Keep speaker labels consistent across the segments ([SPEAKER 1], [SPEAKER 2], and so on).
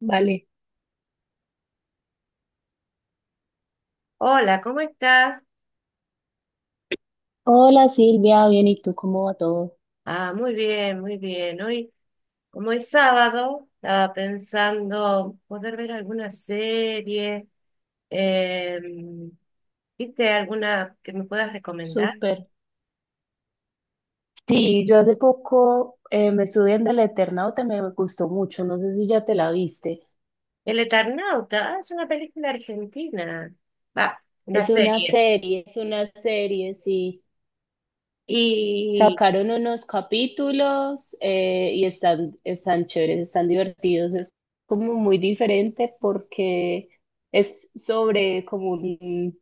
[SPEAKER 1] Vale.
[SPEAKER 2] Hola, ¿cómo estás?
[SPEAKER 1] Hola Silvia, bien, ¿y tú cómo va todo?
[SPEAKER 2] Ah, muy bien, muy bien. Hoy, como es sábado, estaba pensando poder ver alguna serie. em, ¿Viste alguna que me puedas recomendar?
[SPEAKER 1] Súper. Sí, yo hace poco me estuve viendo El Eternauta, me gustó mucho, no sé si ya te la viste.
[SPEAKER 2] El Eternauta, ah, es una película argentina. Va, una serie.
[SPEAKER 1] Es una serie, sí.
[SPEAKER 2] Y,
[SPEAKER 1] Sacaron unos capítulos y están chéveres, están divertidos. Es como muy diferente porque es sobre como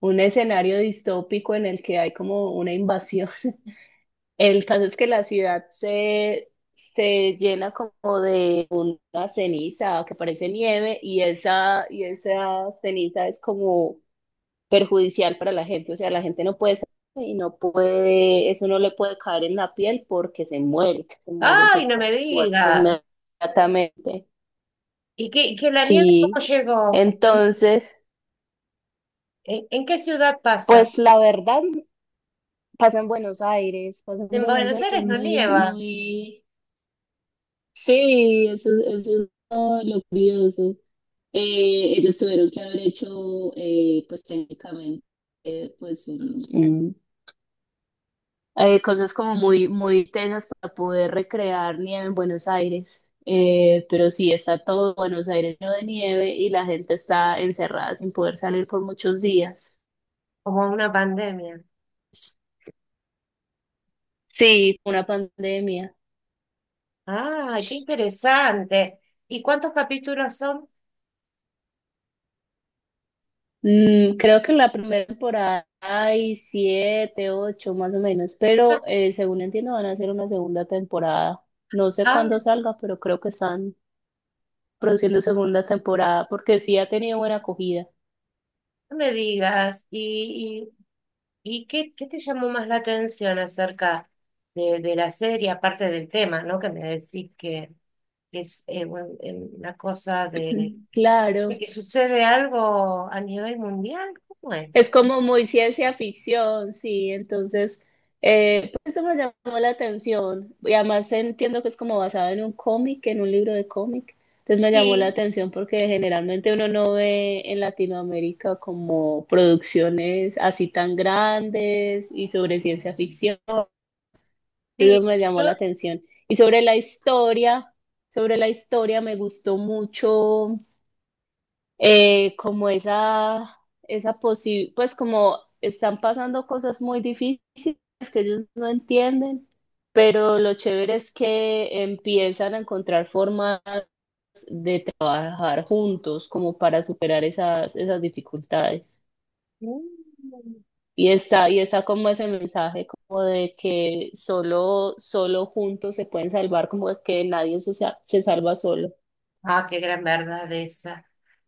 [SPEAKER 1] un escenario distópico en el que hay como una invasión. El caso es que la ciudad se llena como de una ceniza que parece nieve y esa ceniza es como perjudicial para la gente. O sea, la gente no puede salir y no puede, eso no le puede caer en la piel porque se muere, se muere,
[SPEAKER 2] ay,
[SPEAKER 1] se
[SPEAKER 2] no
[SPEAKER 1] cae
[SPEAKER 2] me
[SPEAKER 1] muerto
[SPEAKER 2] digas.
[SPEAKER 1] inmediatamente.
[SPEAKER 2] ¿Y que la nieve
[SPEAKER 1] Sí,
[SPEAKER 2] cómo llegó? Porque,
[SPEAKER 1] entonces,
[SPEAKER 2] ¿en qué ciudad pasa?
[SPEAKER 1] pues la verdad, pasa en Buenos Aires, pasa en
[SPEAKER 2] En
[SPEAKER 1] Buenos
[SPEAKER 2] Buenos
[SPEAKER 1] Aires
[SPEAKER 2] Aires no
[SPEAKER 1] muy,
[SPEAKER 2] nieva,
[SPEAKER 1] muy. Sí, eso, es, eso es lo curioso. Ellos tuvieron que haber hecho, pues técnicamente, eh, pues un- un- cosas como muy, muy tensas para poder recrear nieve en Buenos Aires. Pero sí, está todo Buenos Aires lleno de nieve y la gente está encerrada sin poder salir por muchos días.
[SPEAKER 2] como una pandemia.
[SPEAKER 1] Sí, una pandemia.
[SPEAKER 2] Ay, qué interesante. ¿Y cuántos capítulos son?
[SPEAKER 1] Mm, creo que en la primera temporada hay siete, ocho más o menos, pero según entiendo van a hacer una segunda temporada. No sé
[SPEAKER 2] Ah,
[SPEAKER 1] cuándo salga, pero creo que están produciendo segunda temporada porque sí ha tenido buena acogida.
[SPEAKER 2] no me digas. ¿Y qué te llamó más la atención acerca de la serie, aparte del tema, ¿no? Que me decís que es una cosa
[SPEAKER 1] Claro.
[SPEAKER 2] de que sucede algo a nivel mundial. ¿Cómo es?
[SPEAKER 1] Es como muy ciencia ficción, sí, entonces pues eso me llamó la atención y además entiendo que es como basado en un cómic, en un libro de cómic, entonces me llamó la
[SPEAKER 2] Sí,
[SPEAKER 1] atención porque generalmente uno no ve en Latinoamérica como producciones así tan grandes y sobre ciencia ficción, eso
[SPEAKER 2] sí.
[SPEAKER 1] me llamó
[SPEAKER 2] Yo,
[SPEAKER 1] la atención. Y sobre la historia me gustó mucho, como esa posibilidad, pues como están pasando cosas muy difíciles que ellos no entienden, pero lo chévere es que empiezan a encontrar formas de trabajar juntos como para superar esas dificultades.
[SPEAKER 2] mm.
[SPEAKER 1] Y está como ese mensaje como de que solo, solo juntos se pueden salvar, como de que nadie se, sa- se salva solo.
[SPEAKER 2] Ah, qué gran verdad esa.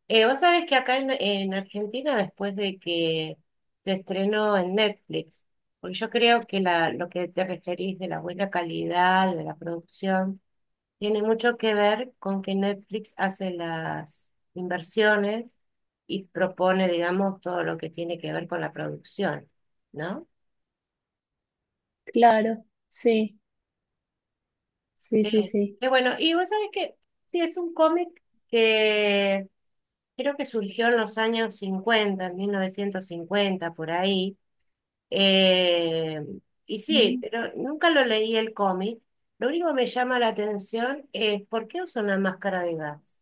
[SPEAKER 2] Vos sabés que acá en Argentina, después de que se estrenó en Netflix, porque yo creo que la, lo que te referís de la buena calidad, de la producción, tiene mucho que ver con que Netflix hace las inversiones y propone, digamos, todo lo que tiene que ver con la producción, ¿no?
[SPEAKER 1] Claro, sí, sí,
[SPEAKER 2] Qué
[SPEAKER 1] sí, sí.
[SPEAKER 2] qué bueno. Y vos sabés que sí, es un cómic que creo que surgió en los años 50, en 1950 por ahí. Eh, y sí, pero nunca lo leí el cómic. Lo único que me llama la atención es ¿por qué usa una máscara de gas?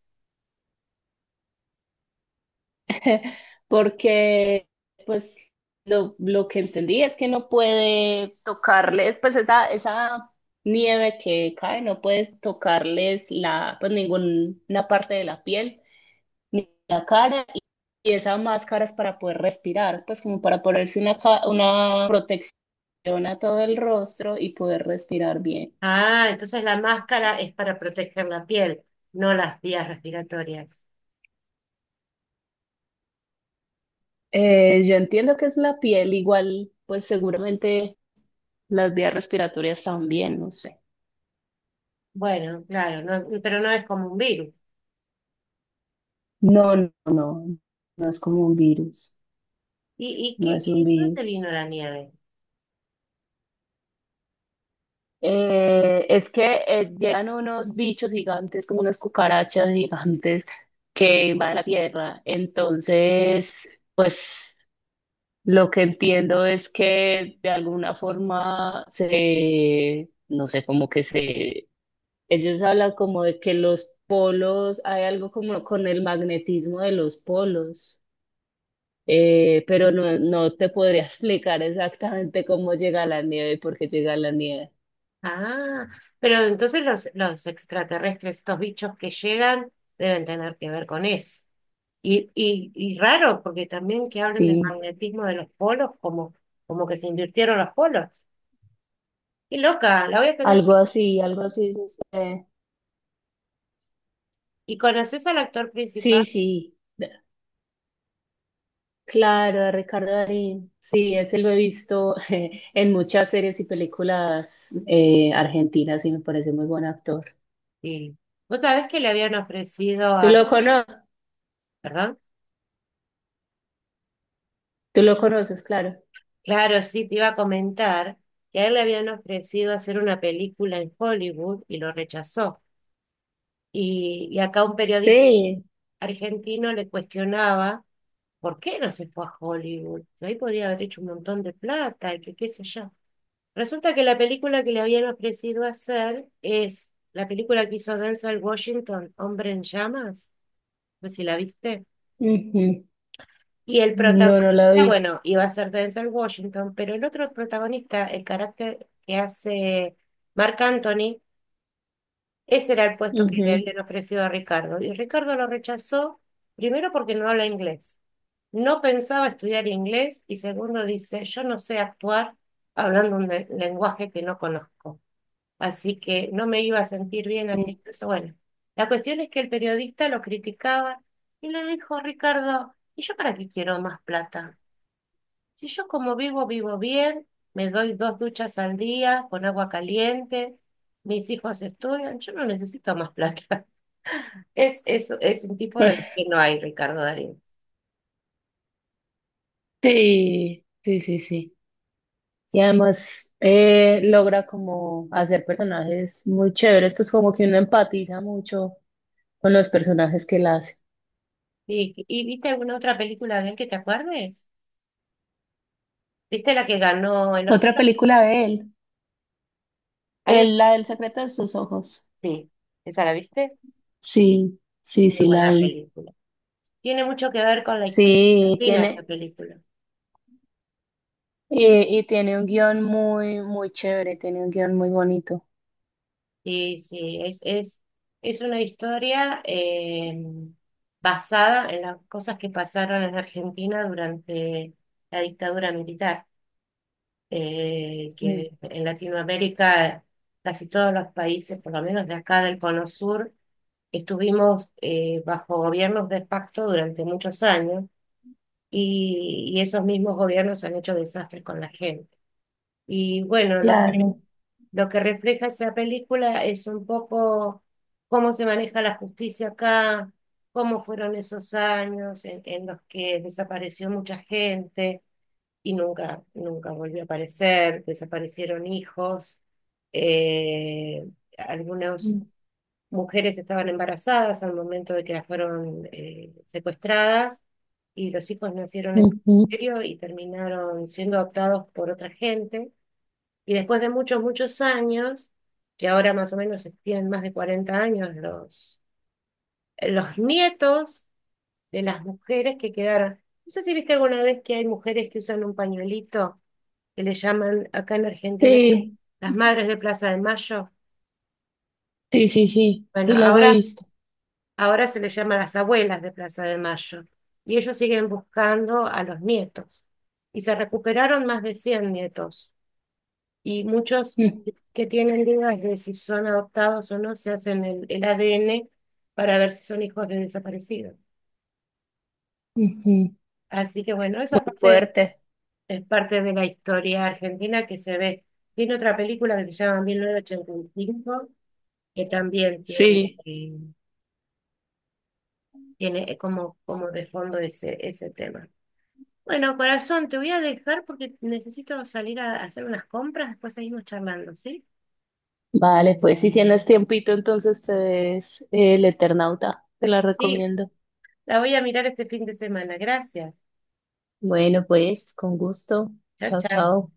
[SPEAKER 1] Porque pues lo que entendí es que no puede tocarles, pues esa nieve que cae, no puedes tocarles la, pues ninguna parte de la piel, ni la cara, y esa máscara es para poder respirar, pues como para ponerse una protección a todo el rostro y poder respirar bien.
[SPEAKER 2] Ah, entonces la máscara es para proteger la piel, no las vías respiratorias.
[SPEAKER 1] Yo entiendo que es la piel, igual, pues seguramente las vías respiratorias también, no sé.
[SPEAKER 2] Bueno, claro, pero no es como un virus.
[SPEAKER 1] No, no, no, no es como un virus,
[SPEAKER 2] Y
[SPEAKER 1] no
[SPEAKER 2] qué,
[SPEAKER 1] es un
[SPEAKER 2] y dónde
[SPEAKER 1] virus.
[SPEAKER 2] vino la nieve?
[SPEAKER 1] Es que llegan unos bichos gigantes, como unas cucarachas gigantes que van a la Tierra. Entonces, pues lo que entiendo es que de alguna forma se, no sé, como que se, ellos hablan como de que los polos, hay algo como con el magnetismo de los polos. Pero no, no te podría explicar exactamente cómo llega la nieve y por qué llega la nieve.
[SPEAKER 2] Ah, pero entonces los extraterrestres, estos bichos que llegan, deben tener que ver con eso. Y raro, porque también que hablen del
[SPEAKER 1] Sí,
[SPEAKER 2] magnetismo de los polos, como, como que se invirtieron los polos. Qué loca, la voy a tener.
[SPEAKER 1] algo así sucede.
[SPEAKER 2] ¿Y conoces al actor principal?
[SPEAKER 1] Sí, sí, claro, a Ricardo Darín. Sí, ese lo he visto en muchas series y películas argentinas y me parece muy buen actor.
[SPEAKER 2] Sí. ¿Vos sabés que le habían ofrecido
[SPEAKER 1] ¿Tú
[SPEAKER 2] a...
[SPEAKER 1] lo cono-
[SPEAKER 2] ¿Perdón?
[SPEAKER 1] Tú lo conoces, claro.
[SPEAKER 2] Claro, sí, te iba a comentar que a él le habían ofrecido hacer una película en Hollywood y lo rechazó. Y acá un periodista
[SPEAKER 1] Sí,
[SPEAKER 2] argentino le cuestionaba por qué no se fue a Hollywood. Si ahí podía haber hecho un montón de plata y que qué sé yo. Resulta que la película que le habían ofrecido hacer es la película que hizo Denzel Washington, Hombre en Llamas. No sé si la viste.
[SPEAKER 1] ujú.
[SPEAKER 2] Y el
[SPEAKER 1] No, no
[SPEAKER 2] protagonista,
[SPEAKER 1] la vi.
[SPEAKER 2] bueno, iba a ser Denzel Washington, pero el otro protagonista, el carácter que hace Marc Anthony, ese era el puesto que le
[SPEAKER 1] Ujú.
[SPEAKER 2] habían ofrecido a Ricardo. Y Ricardo lo rechazó, primero porque no habla inglés. No pensaba estudiar inglés y segundo dice, yo no sé actuar hablando un lenguaje que no conozco. Así que no me iba a sentir bien así. Eso, bueno, la cuestión es que el periodista lo criticaba y le dijo, Ricardo, ¿y yo para qué quiero más plata? Si yo como vivo, vivo bien, me doy dos duchas al día con agua caliente, mis hijos estudian, yo no necesito más plata. Es un tipo del que no hay, Ricardo Darín.
[SPEAKER 1] Sí, sí, sí, sí. Y además logra como hacer personajes muy chéveres, pues como que uno empatiza mucho con los personajes que él hace.
[SPEAKER 2] Y viste alguna otra película de él que te acuerdes? ¿Viste la que ganó el
[SPEAKER 1] Otra
[SPEAKER 2] Oscar?
[SPEAKER 1] película de él,
[SPEAKER 2] Hay una...
[SPEAKER 1] la del
[SPEAKER 2] que-
[SPEAKER 1] secreto de sus ojos.
[SPEAKER 2] Sí, ¿esa la viste?
[SPEAKER 1] Sí, sí,
[SPEAKER 2] Muy
[SPEAKER 1] sí, la
[SPEAKER 2] buena
[SPEAKER 1] vi.
[SPEAKER 2] película. Tiene mucho que ver con la historia de
[SPEAKER 1] Sí,
[SPEAKER 2] Argentina esta
[SPEAKER 1] tiene,
[SPEAKER 2] película.
[SPEAKER 1] y, y tiene un guión muy, muy chévere, tiene un guión muy bonito.
[SPEAKER 2] Sí, sí, es una historia basada en las cosas que pasaron en Argentina durante la dictadura militar,
[SPEAKER 1] Sí,
[SPEAKER 2] que en Latinoamérica casi todos los países, por lo menos de acá del Cono Sur, estuvimos bajo gobiernos de facto durante muchos años y esos mismos gobiernos han hecho desastres con la gente. Y bueno,
[SPEAKER 1] claro.
[SPEAKER 2] lo que refleja esa película es un poco cómo se maneja la justicia acá, cómo fueron esos años en los que desapareció mucha gente y nunca, nunca volvió a aparecer, desaparecieron hijos, eh, algunas
[SPEAKER 1] Mm.
[SPEAKER 2] mujeres estaban embarazadas al momento de que las fueron secuestradas y los hijos nacieron en
[SPEAKER 1] Ujú.
[SPEAKER 2] cautiverio y terminaron siendo adoptados por otra gente. Y después de muchos, muchos años, que ahora más o menos tienen más de 40 años los nietos de las mujeres que quedaron. No sé si viste alguna vez que hay mujeres que usan un pañuelito que le llaman acá en Argentina
[SPEAKER 1] Sí,
[SPEAKER 2] las Madres de Plaza de Mayo.
[SPEAKER 1] sí, sí, sí,
[SPEAKER 2] Bueno,
[SPEAKER 1] sí las he
[SPEAKER 2] ahora,
[SPEAKER 1] visto.
[SPEAKER 2] ahora se les llama las Abuelas de Plaza de Mayo. Y ellos siguen buscando a los nietos. Y se recuperaron más de 100 nietos. Y muchos
[SPEAKER 1] Mm.
[SPEAKER 2] que tienen dudas de si son adoptados o no se hacen el ADN para ver si son hijos de desaparecidos.
[SPEAKER 1] Ujú.
[SPEAKER 2] Así que bueno,
[SPEAKER 1] Muy fuerte.
[SPEAKER 2] es parte de la historia argentina que se ve. Tiene otra película que se llama 1985, que también tiene,
[SPEAKER 1] Sí.
[SPEAKER 2] eh, tiene como, como de fondo ese, ese tema. Bueno, corazón, te voy a dejar porque necesito salir a hacer unas compras, después seguimos charlando, ¿sí?
[SPEAKER 1] Vale, pues si tienes tiempito, entonces te ves El Eternauta. Te la
[SPEAKER 2] Sí,
[SPEAKER 1] recomiendo.
[SPEAKER 2] la voy a mirar este fin de semana. Gracias.
[SPEAKER 1] Bueno, pues con gusto.
[SPEAKER 2] Chao,
[SPEAKER 1] Chao,
[SPEAKER 2] chao.
[SPEAKER 1] chao.